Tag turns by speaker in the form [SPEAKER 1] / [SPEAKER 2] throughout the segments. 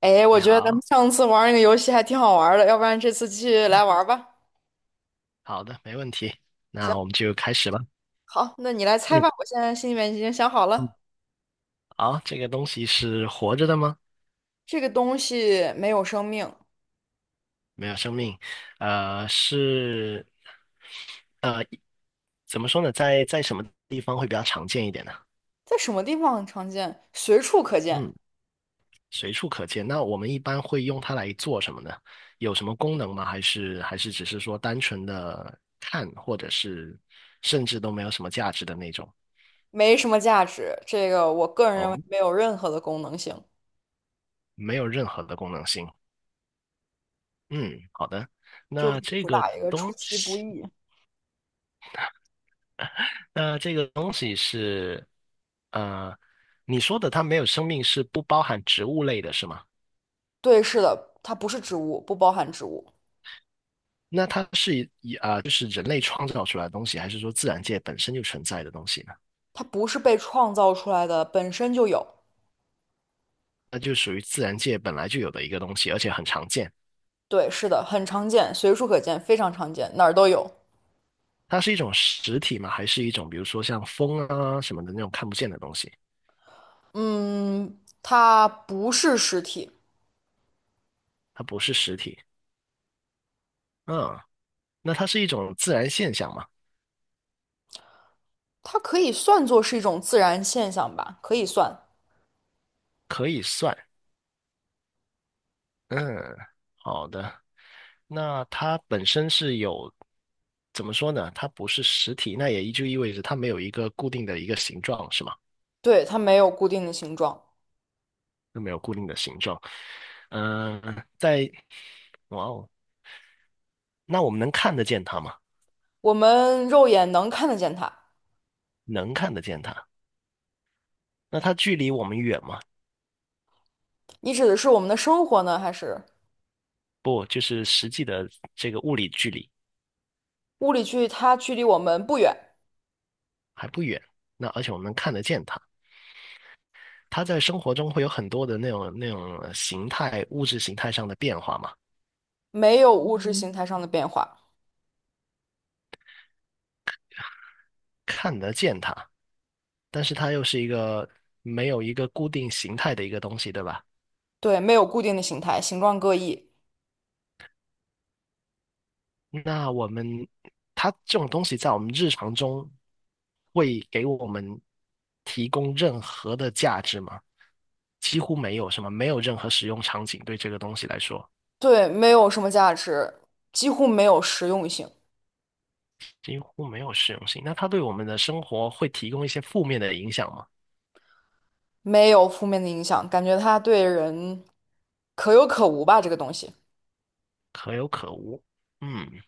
[SPEAKER 1] 哎，
[SPEAKER 2] 你
[SPEAKER 1] 我觉得咱们
[SPEAKER 2] 好，
[SPEAKER 1] 上次玩儿那个游戏还挺好玩儿的，要不然这次继续来玩儿吧。
[SPEAKER 2] 好的，没问题。那
[SPEAKER 1] 行，
[SPEAKER 2] 我们就开始吧。
[SPEAKER 1] 好，那你来猜
[SPEAKER 2] 嗯
[SPEAKER 1] 吧。我现在心里面已经想好
[SPEAKER 2] 嗯，
[SPEAKER 1] 了，
[SPEAKER 2] 好，这个东西是活着的吗？
[SPEAKER 1] 这个东西没有生命，
[SPEAKER 2] 没有生命，是，呃，怎么说呢？在什么地方会比较常见一点呢？
[SPEAKER 1] 在什么地方很常见？随处可
[SPEAKER 2] 嗯，
[SPEAKER 1] 见，
[SPEAKER 2] 随处可见。那我们一般会用它来做什么呢？有什么功能吗？还是只是说单纯的看，或者是甚至都没有什么价值的那种？
[SPEAKER 1] 没什么价值。这个我个人认为
[SPEAKER 2] 哦，
[SPEAKER 1] 没有任何的功能性，
[SPEAKER 2] 没有任何的功能性。嗯，好的。
[SPEAKER 1] 就是
[SPEAKER 2] 那这
[SPEAKER 1] 主
[SPEAKER 2] 个
[SPEAKER 1] 打一个出
[SPEAKER 2] 东
[SPEAKER 1] 其不
[SPEAKER 2] 西，
[SPEAKER 1] 意。
[SPEAKER 2] 那这个东西是，呃，你说的它没有生命是不包含植物类的，是吗？
[SPEAKER 1] 对，是的，它不是植物，不包含植物，
[SPEAKER 2] 那它是以啊、就是人类创造出来的东西，还是说自然界本身就存在的东西呢？
[SPEAKER 1] 它不是被创造出来的，本身就有。
[SPEAKER 2] 那就属于自然界本来就有的一个东西，而且很常见。
[SPEAKER 1] 对，是的，很常见，随处可见，非常常见，哪儿都有。
[SPEAKER 2] 它是一种实体吗？还是一种比如说像风啊什么的那种看不见的东西？
[SPEAKER 1] 嗯，它不是实体，
[SPEAKER 2] 它不是实体。嗯，那它是一种自然现象吗？
[SPEAKER 1] 它可以算作是一种自然现象吧，可以算。
[SPEAKER 2] 可以算。嗯，好的。那它本身是有，怎么说呢？它不是实体，那也就意味着它没有一个固定的一个形状，是吗？
[SPEAKER 1] 对，它没有固定的形状，
[SPEAKER 2] 就没有固定的形状。嗯、在，哇哦，那我们能看得见它吗？
[SPEAKER 1] 我们肉眼能看得见它。
[SPEAKER 2] 能看得见它。那它距离我们远吗？
[SPEAKER 1] 你指的是我们的生活呢，还是
[SPEAKER 2] 不，就是实际的这个物理距离
[SPEAKER 1] 物理距离它距离我们不远，
[SPEAKER 2] 还不远。那而且我们能看得见它。它在生活中会有很多的那种形态、物质形态上的变化嘛，
[SPEAKER 1] 没有物质形态上的变化？
[SPEAKER 2] 看得见它。但是它又是一个没有一个固定形态的一个东西，对吧？
[SPEAKER 1] 对，没有固定的形态，形状各异。
[SPEAKER 2] 那我们它这种东西在我们日常中会给我们提供任何的价值吗？几乎没有什么，没有任何使用场景对这个东西来说，
[SPEAKER 1] 对，没有什么价值，几乎没有实用性，
[SPEAKER 2] 几乎没有实用性。那它对我们的生活会提供一些负面的影响吗？
[SPEAKER 1] 没有负面的影响，感觉它对人可有可无吧，这个东西。
[SPEAKER 2] 可有可无。嗯，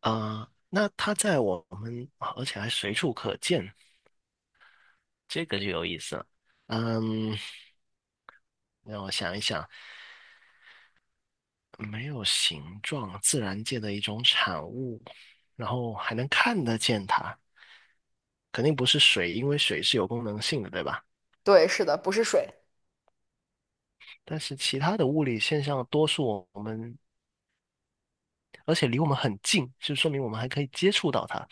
[SPEAKER 2] 啊，那它在我们，而且还随处可见，这个就有意思了。嗯，让我想一想，没有形状，自然界的一种产物，然后还能看得见它，肯定不是水，因为水是有功能性的，对吧？
[SPEAKER 1] 对，是的，不是水。
[SPEAKER 2] 但是其他的物理现象，多数我们，而且离我们很近，就说明我们还可以接触到它。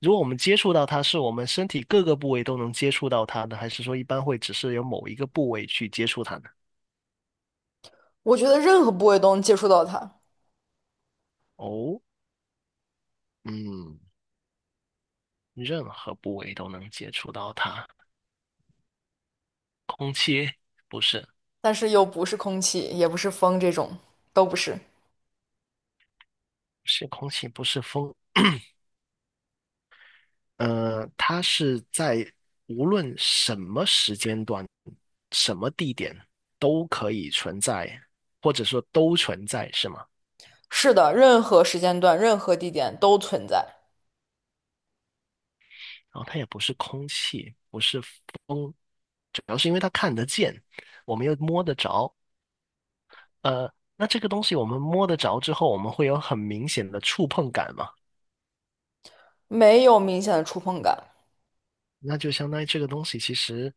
[SPEAKER 2] 如果我们接触到它，是我们身体各个部位都能接触到它的，还是说一般会只是有某一个部位去接触它呢？
[SPEAKER 1] 我觉得任何部位都能接触到它，
[SPEAKER 2] 哦，嗯，任何部位都能接触到它，空气不是。
[SPEAKER 1] 但是又不是空气，也不是风，这种都不是。
[SPEAKER 2] 是空气，不是风。它是在无论什么时间段、什么地点都可以存在，或者说都存在，是吗？
[SPEAKER 1] 是的，任何时间段、任何地点都存在，
[SPEAKER 2] 然后它也不是空气，不是风，主要是因为它看得见，我们又摸得着。那这个东西我们摸得着之后，我们会有很明显的触碰感嘛？
[SPEAKER 1] 没有明显的触碰感。
[SPEAKER 2] 那就相当于这个东西其实，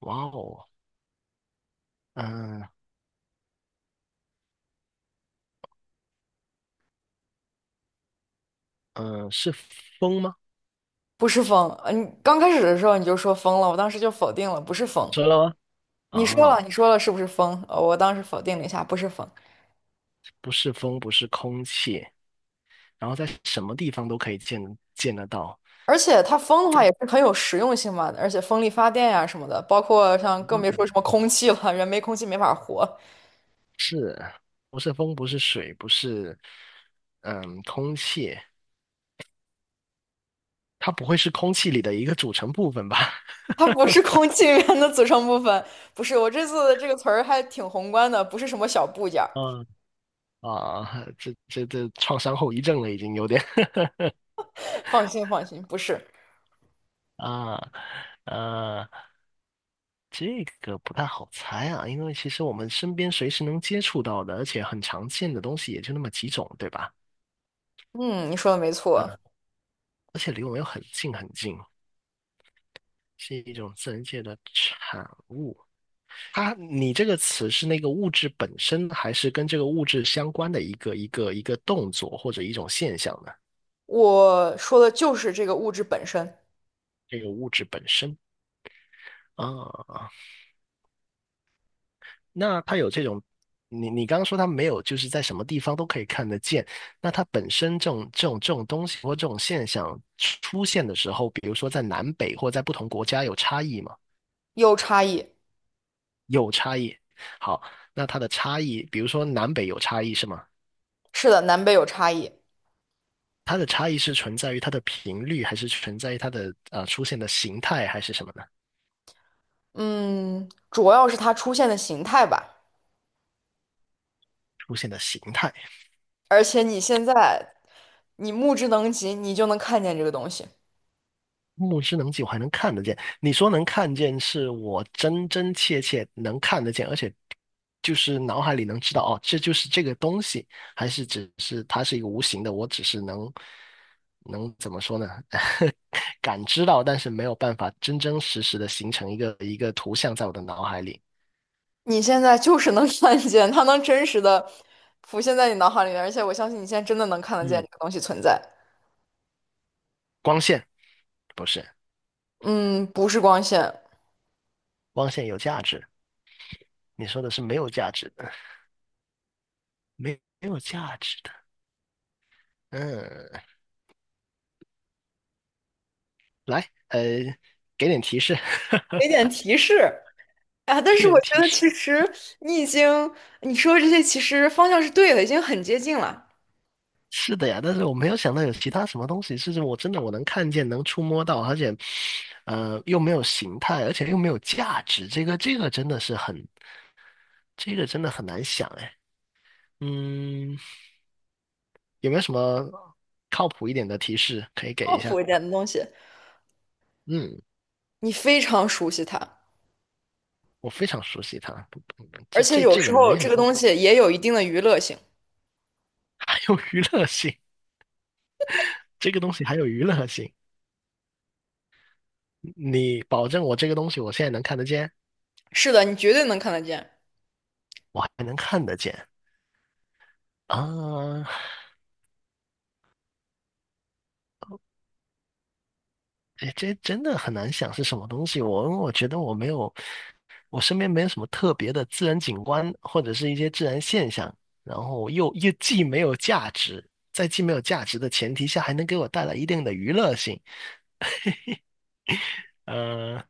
[SPEAKER 2] 哇哦，嗯、嗯、是风吗？
[SPEAKER 1] 不是风，嗯，你刚开始的时候你就说风了，我当时就否定了，不是风。
[SPEAKER 2] 说了吗？
[SPEAKER 1] 你说了，
[SPEAKER 2] 啊。
[SPEAKER 1] 你说了是不是风？我当时否定了一下，不是风。
[SPEAKER 2] 不是风，不是空气，然后在什么地方都可以见得到。
[SPEAKER 1] 而且它风的话也是很有实用性嘛，而且风力发电呀、什么的，包括像更别
[SPEAKER 2] 嗯
[SPEAKER 1] 说什么空气了，人没空气没法活。
[SPEAKER 2] 是，不是风，不是水，不是空气，它不会是空气里的一个组成部分吧？
[SPEAKER 1] 它不是空气源的组成部分，不是。我这次的这个词儿还挺宏观的，不是什么小部件儿。
[SPEAKER 2] 嗯，啊，这创伤后遗症了，已经有点
[SPEAKER 1] 放心，放心，不是。
[SPEAKER 2] 啊呃，这个不太好猜啊，因为其实我们身边随时能接触到的，而且很常见的东西也就那么几种，对吧？
[SPEAKER 1] 嗯，你说的没错，
[SPEAKER 2] 嗯，而且离我们又很近很近，是一种自然界的产物。你这个词是那个物质本身，还是跟这个物质相关的一个动作或者一种现象呢？
[SPEAKER 1] 我说的就是这个物质本身
[SPEAKER 2] 这个物质本身啊，那它有这种，你刚刚说它没有，就是在什么地方都可以看得见。那它本身这种东西或这种现象出现的时候，比如说在南北或在不同国家有差异吗？
[SPEAKER 1] 有差异。
[SPEAKER 2] 有差异。好，那它的差异，比如说南北有差异是吗？
[SPEAKER 1] 是的，南北有差异。
[SPEAKER 2] 它的差异是存在于它的频率，还是存在于它的出现的形态，还是什么呢？
[SPEAKER 1] 嗯，主要是它出现的形态吧。
[SPEAKER 2] 出现的形态，
[SPEAKER 1] 而且你现在目之能及，你就能看见这个东西。
[SPEAKER 2] 目之能及，我还能看得见。你说能看见，是我真真切切能看得见，而且就是脑海里能知道哦，这就是这个东西，还是只是它是一个无形的，我只是能怎么说呢？感知到，但是没有办法真真实实的形成一个一个图像在我的脑海里。
[SPEAKER 1] 你现在就是能 看见，它能真实的浮现在你脑海里面，而且我相信你现在真的能看得见
[SPEAKER 2] 嗯，
[SPEAKER 1] 这个东西存在。
[SPEAKER 2] 光线不是，
[SPEAKER 1] 嗯，不是光线，
[SPEAKER 2] 光线有价值。你说的是没有价值的，没有价值的。嗯，来，给点提示，
[SPEAKER 1] 给 点提示啊！但
[SPEAKER 2] 给
[SPEAKER 1] 是我
[SPEAKER 2] 点
[SPEAKER 1] 觉
[SPEAKER 2] 提
[SPEAKER 1] 得
[SPEAKER 2] 示。
[SPEAKER 1] 其实你已经你说的这些其实方向是对的，已经很接近了。
[SPEAKER 2] 是的呀，但是我没有想到有其他什么东西是我真的我能看见、能触摸到，而且，又没有形态，而且又没有价值。这个这个真的是很，这个真的很难想哎。嗯，有没有什么靠谱一点的提示可以给
[SPEAKER 1] 靠
[SPEAKER 2] 一
[SPEAKER 1] 谱
[SPEAKER 2] 下？
[SPEAKER 1] 一点的东西，
[SPEAKER 2] 嗯，
[SPEAKER 1] 你非常熟悉它，
[SPEAKER 2] 我非常熟悉它，不不
[SPEAKER 1] 而且有
[SPEAKER 2] 这
[SPEAKER 1] 时
[SPEAKER 2] 个
[SPEAKER 1] 候
[SPEAKER 2] 没
[SPEAKER 1] 这
[SPEAKER 2] 什
[SPEAKER 1] 个
[SPEAKER 2] 么，
[SPEAKER 1] 东西也有一定的娱乐性。
[SPEAKER 2] 还有娱乐性，这个东西还有娱乐性。你保证我这个东西我现在能看得见，
[SPEAKER 1] 是的，你绝对能看得见。
[SPEAKER 2] 我还能看得见啊？这真的很难想是什么东西。我觉得我没有，我身边没有什么特别的自然景观或者是一些自然现象，然后又既没有价值，在既没有价值的前提下，还能给我带来一定的娱乐性。嗯。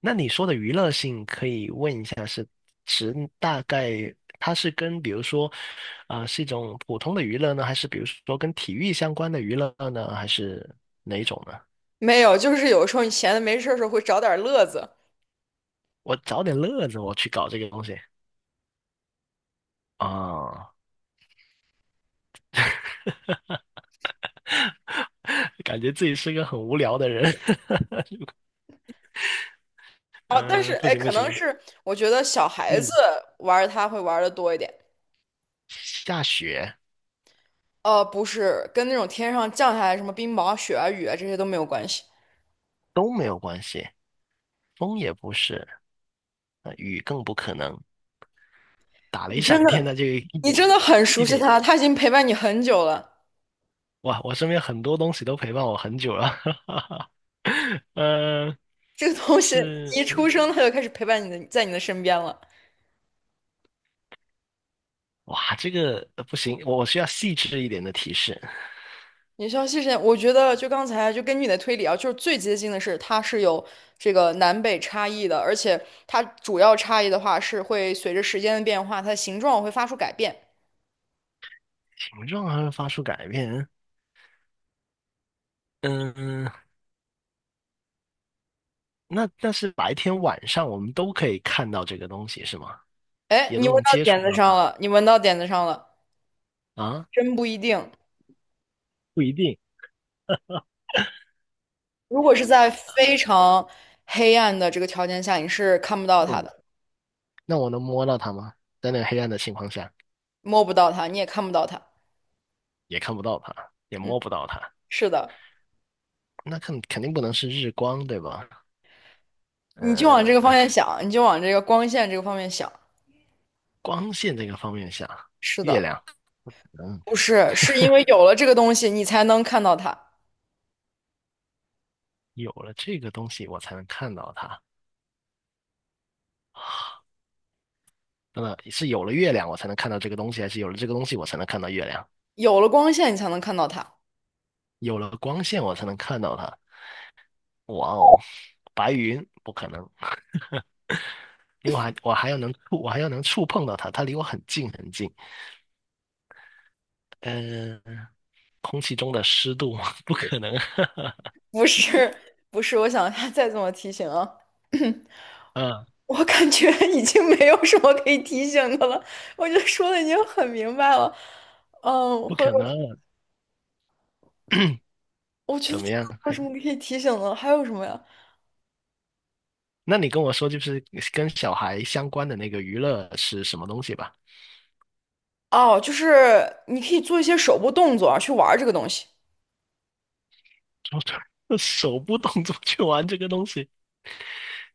[SPEAKER 2] 那你说的娱乐性，可以问一下是指大概它是跟比如说，啊、是一种普通的娱乐呢，还是比如说跟体育相关的娱乐呢，还是哪一种呢？
[SPEAKER 1] 没有，就是有时候你闲的没事儿的时候会找点儿乐子
[SPEAKER 2] 我找点乐子，我去搞这个东西啊、感觉自己是个很无聊的人。
[SPEAKER 1] 哦。但是
[SPEAKER 2] 嗯、不
[SPEAKER 1] 哎，
[SPEAKER 2] 行不
[SPEAKER 1] 可能
[SPEAKER 2] 行，
[SPEAKER 1] 是我觉得小孩子
[SPEAKER 2] 嗯，
[SPEAKER 1] 玩儿它会玩的多一点。
[SPEAKER 2] 下雪
[SPEAKER 1] 不是，跟那种天上降下来什么冰雹、雪啊、雨啊这些都没有关系。
[SPEAKER 2] 都没有关系，风也不是，雨更不可能，打雷
[SPEAKER 1] 你真
[SPEAKER 2] 闪电
[SPEAKER 1] 的。
[SPEAKER 2] 那就一
[SPEAKER 1] 你
[SPEAKER 2] 点
[SPEAKER 1] 真的很熟
[SPEAKER 2] 一
[SPEAKER 1] 悉
[SPEAKER 2] 点
[SPEAKER 1] 它，它已经陪伴你很久了。
[SPEAKER 2] 哇，我身边很多东西都陪伴我很久了，哈哈。呃，
[SPEAKER 1] 这个东西
[SPEAKER 2] 是，
[SPEAKER 1] 一出生它就开始陪伴你的，在你的身边了。
[SPEAKER 2] 哇，这个不行，我需要细致一点的提示。
[SPEAKER 1] 你需要谢谢，我觉得就刚才就根据你的推理啊，就是最接近的是它是有这个南北差异的，而且它主要差异的话是会随着时间的变化，它的形状会发出改变。
[SPEAKER 2] 形状还会发出改变，嗯，那但是白天晚上我们都可以看到这个东西是吗？
[SPEAKER 1] 哎，
[SPEAKER 2] 也
[SPEAKER 1] 你
[SPEAKER 2] 都
[SPEAKER 1] 闻
[SPEAKER 2] 能
[SPEAKER 1] 到
[SPEAKER 2] 接
[SPEAKER 1] 点
[SPEAKER 2] 触
[SPEAKER 1] 子
[SPEAKER 2] 到它
[SPEAKER 1] 上了，你闻到点子上了，
[SPEAKER 2] 啊？
[SPEAKER 1] 真不一定。
[SPEAKER 2] 不一定，
[SPEAKER 1] 如果是在非常黑暗的这个条件下，你是看不到它
[SPEAKER 2] 嗯，
[SPEAKER 1] 的，
[SPEAKER 2] 那我能摸到它吗？在那个黑暗的情况下，
[SPEAKER 1] 摸不到它，你也看不到它。
[SPEAKER 2] 也看不到它，也
[SPEAKER 1] 嗯，
[SPEAKER 2] 摸不到它，
[SPEAKER 1] 是的。
[SPEAKER 2] 那肯定不能是日光，对吧？
[SPEAKER 1] 你就往这个方
[SPEAKER 2] 嗯，
[SPEAKER 1] 向想，你就往这个光线这个方面想。
[SPEAKER 2] 光线这个方面下，
[SPEAKER 1] 是
[SPEAKER 2] 月
[SPEAKER 1] 的，
[SPEAKER 2] 亮。嗯，
[SPEAKER 1] 不是，是因为有了这个东西，你才能看到它；
[SPEAKER 2] 有了这个东西，我才能看到它。是有了月亮，我才能看到这个东西，还是有了这个东西，我才能看到月亮？
[SPEAKER 1] 有了光线，你才能看到它。
[SPEAKER 2] 有了光线，我才能看到它。哇哦，白云不可能，因为我还要能触碰到它，它离我很近很近。嗯、空气中的湿度 不可能，
[SPEAKER 1] 不是，不是，我想 一下再怎么提醒啊，
[SPEAKER 2] 嗯，
[SPEAKER 1] 我感觉 已经没有什么可以提醒的了，我觉得说的已经很明白了。嗯，
[SPEAKER 2] 不
[SPEAKER 1] 或者
[SPEAKER 2] 可能。
[SPEAKER 1] 我觉得
[SPEAKER 2] 怎
[SPEAKER 1] 真
[SPEAKER 2] 么
[SPEAKER 1] 的
[SPEAKER 2] 样？
[SPEAKER 1] 没有什么可以提醒的了还有什么呀？
[SPEAKER 2] 那你跟我说，就是跟小孩相关的那个娱乐是什么东西吧？
[SPEAKER 1] 哦，就是你可以做一些手部动作啊，去玩这个东西。
[SPEAKER 2] 手部动作去玩这个东西，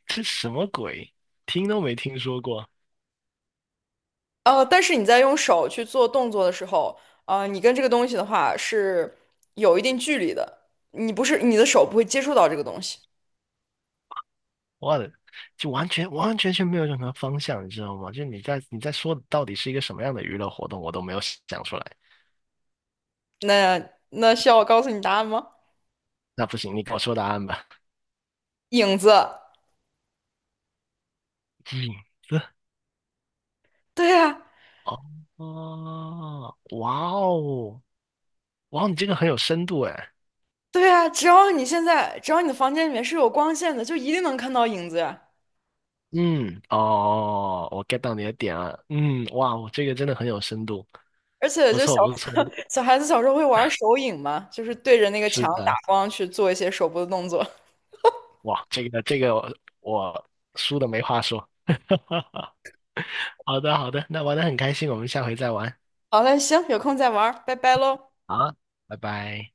[SPEAKER 2] 这什么鬼？听都没听说过，
[SPEAKER 1] 但是你在用手去做动作的时候，你跟这个东西的话是有一定距离的，你的手不会接触到这个东西。
[SPEAKER 2] 我的，就完完全全没有任何方向，你知道吗？就你在说的到底是一个什么样的娱乐活动，我都没有想出来。
[SPEAKER 1] 那需要我告诉你答案吗？
[SPEAKER 2] 那不行，你给我说答案吧。
[SPEAKER 1] 影子。
[SPEAKER 2] 影子
[SPEAKER 1] 对呀，
[SPEAKER 2] 哦，哦，哇哦，哇哦，你这个很有深度哎。
[SPEAKER 1] 对呀，只要你现在只要你的房间里面是有光线的，就一定能看到影子呀。
[SPEAKER 2] 嗯，哦，我 get 到你的点了。嗯，哇，哦，这个真的很有深度，
[SPEAKER 1] 而且
[SPEAKER 2] 不
[SPEAKER 1] 就小
[SPEAKER 2] 错不错，
[SPEAKER 1] 小孩子小时候会玩手影嘛，就是对着那个
[SPEAKER 2] 是
[SPEAKER 1] 墙打
[SPEAKER 2] 的。
[SPEAKER 1] 光去做一些手部的动作。
[SPEAKER 2] 哇，这个我输的没话说。好的好的，那玩的很开心，我们下回再玩。
[SPEAKER 1] 好嘞，行，有空再玩儿拜拜喽。
[SPEAKER 2] 啊，拜拜。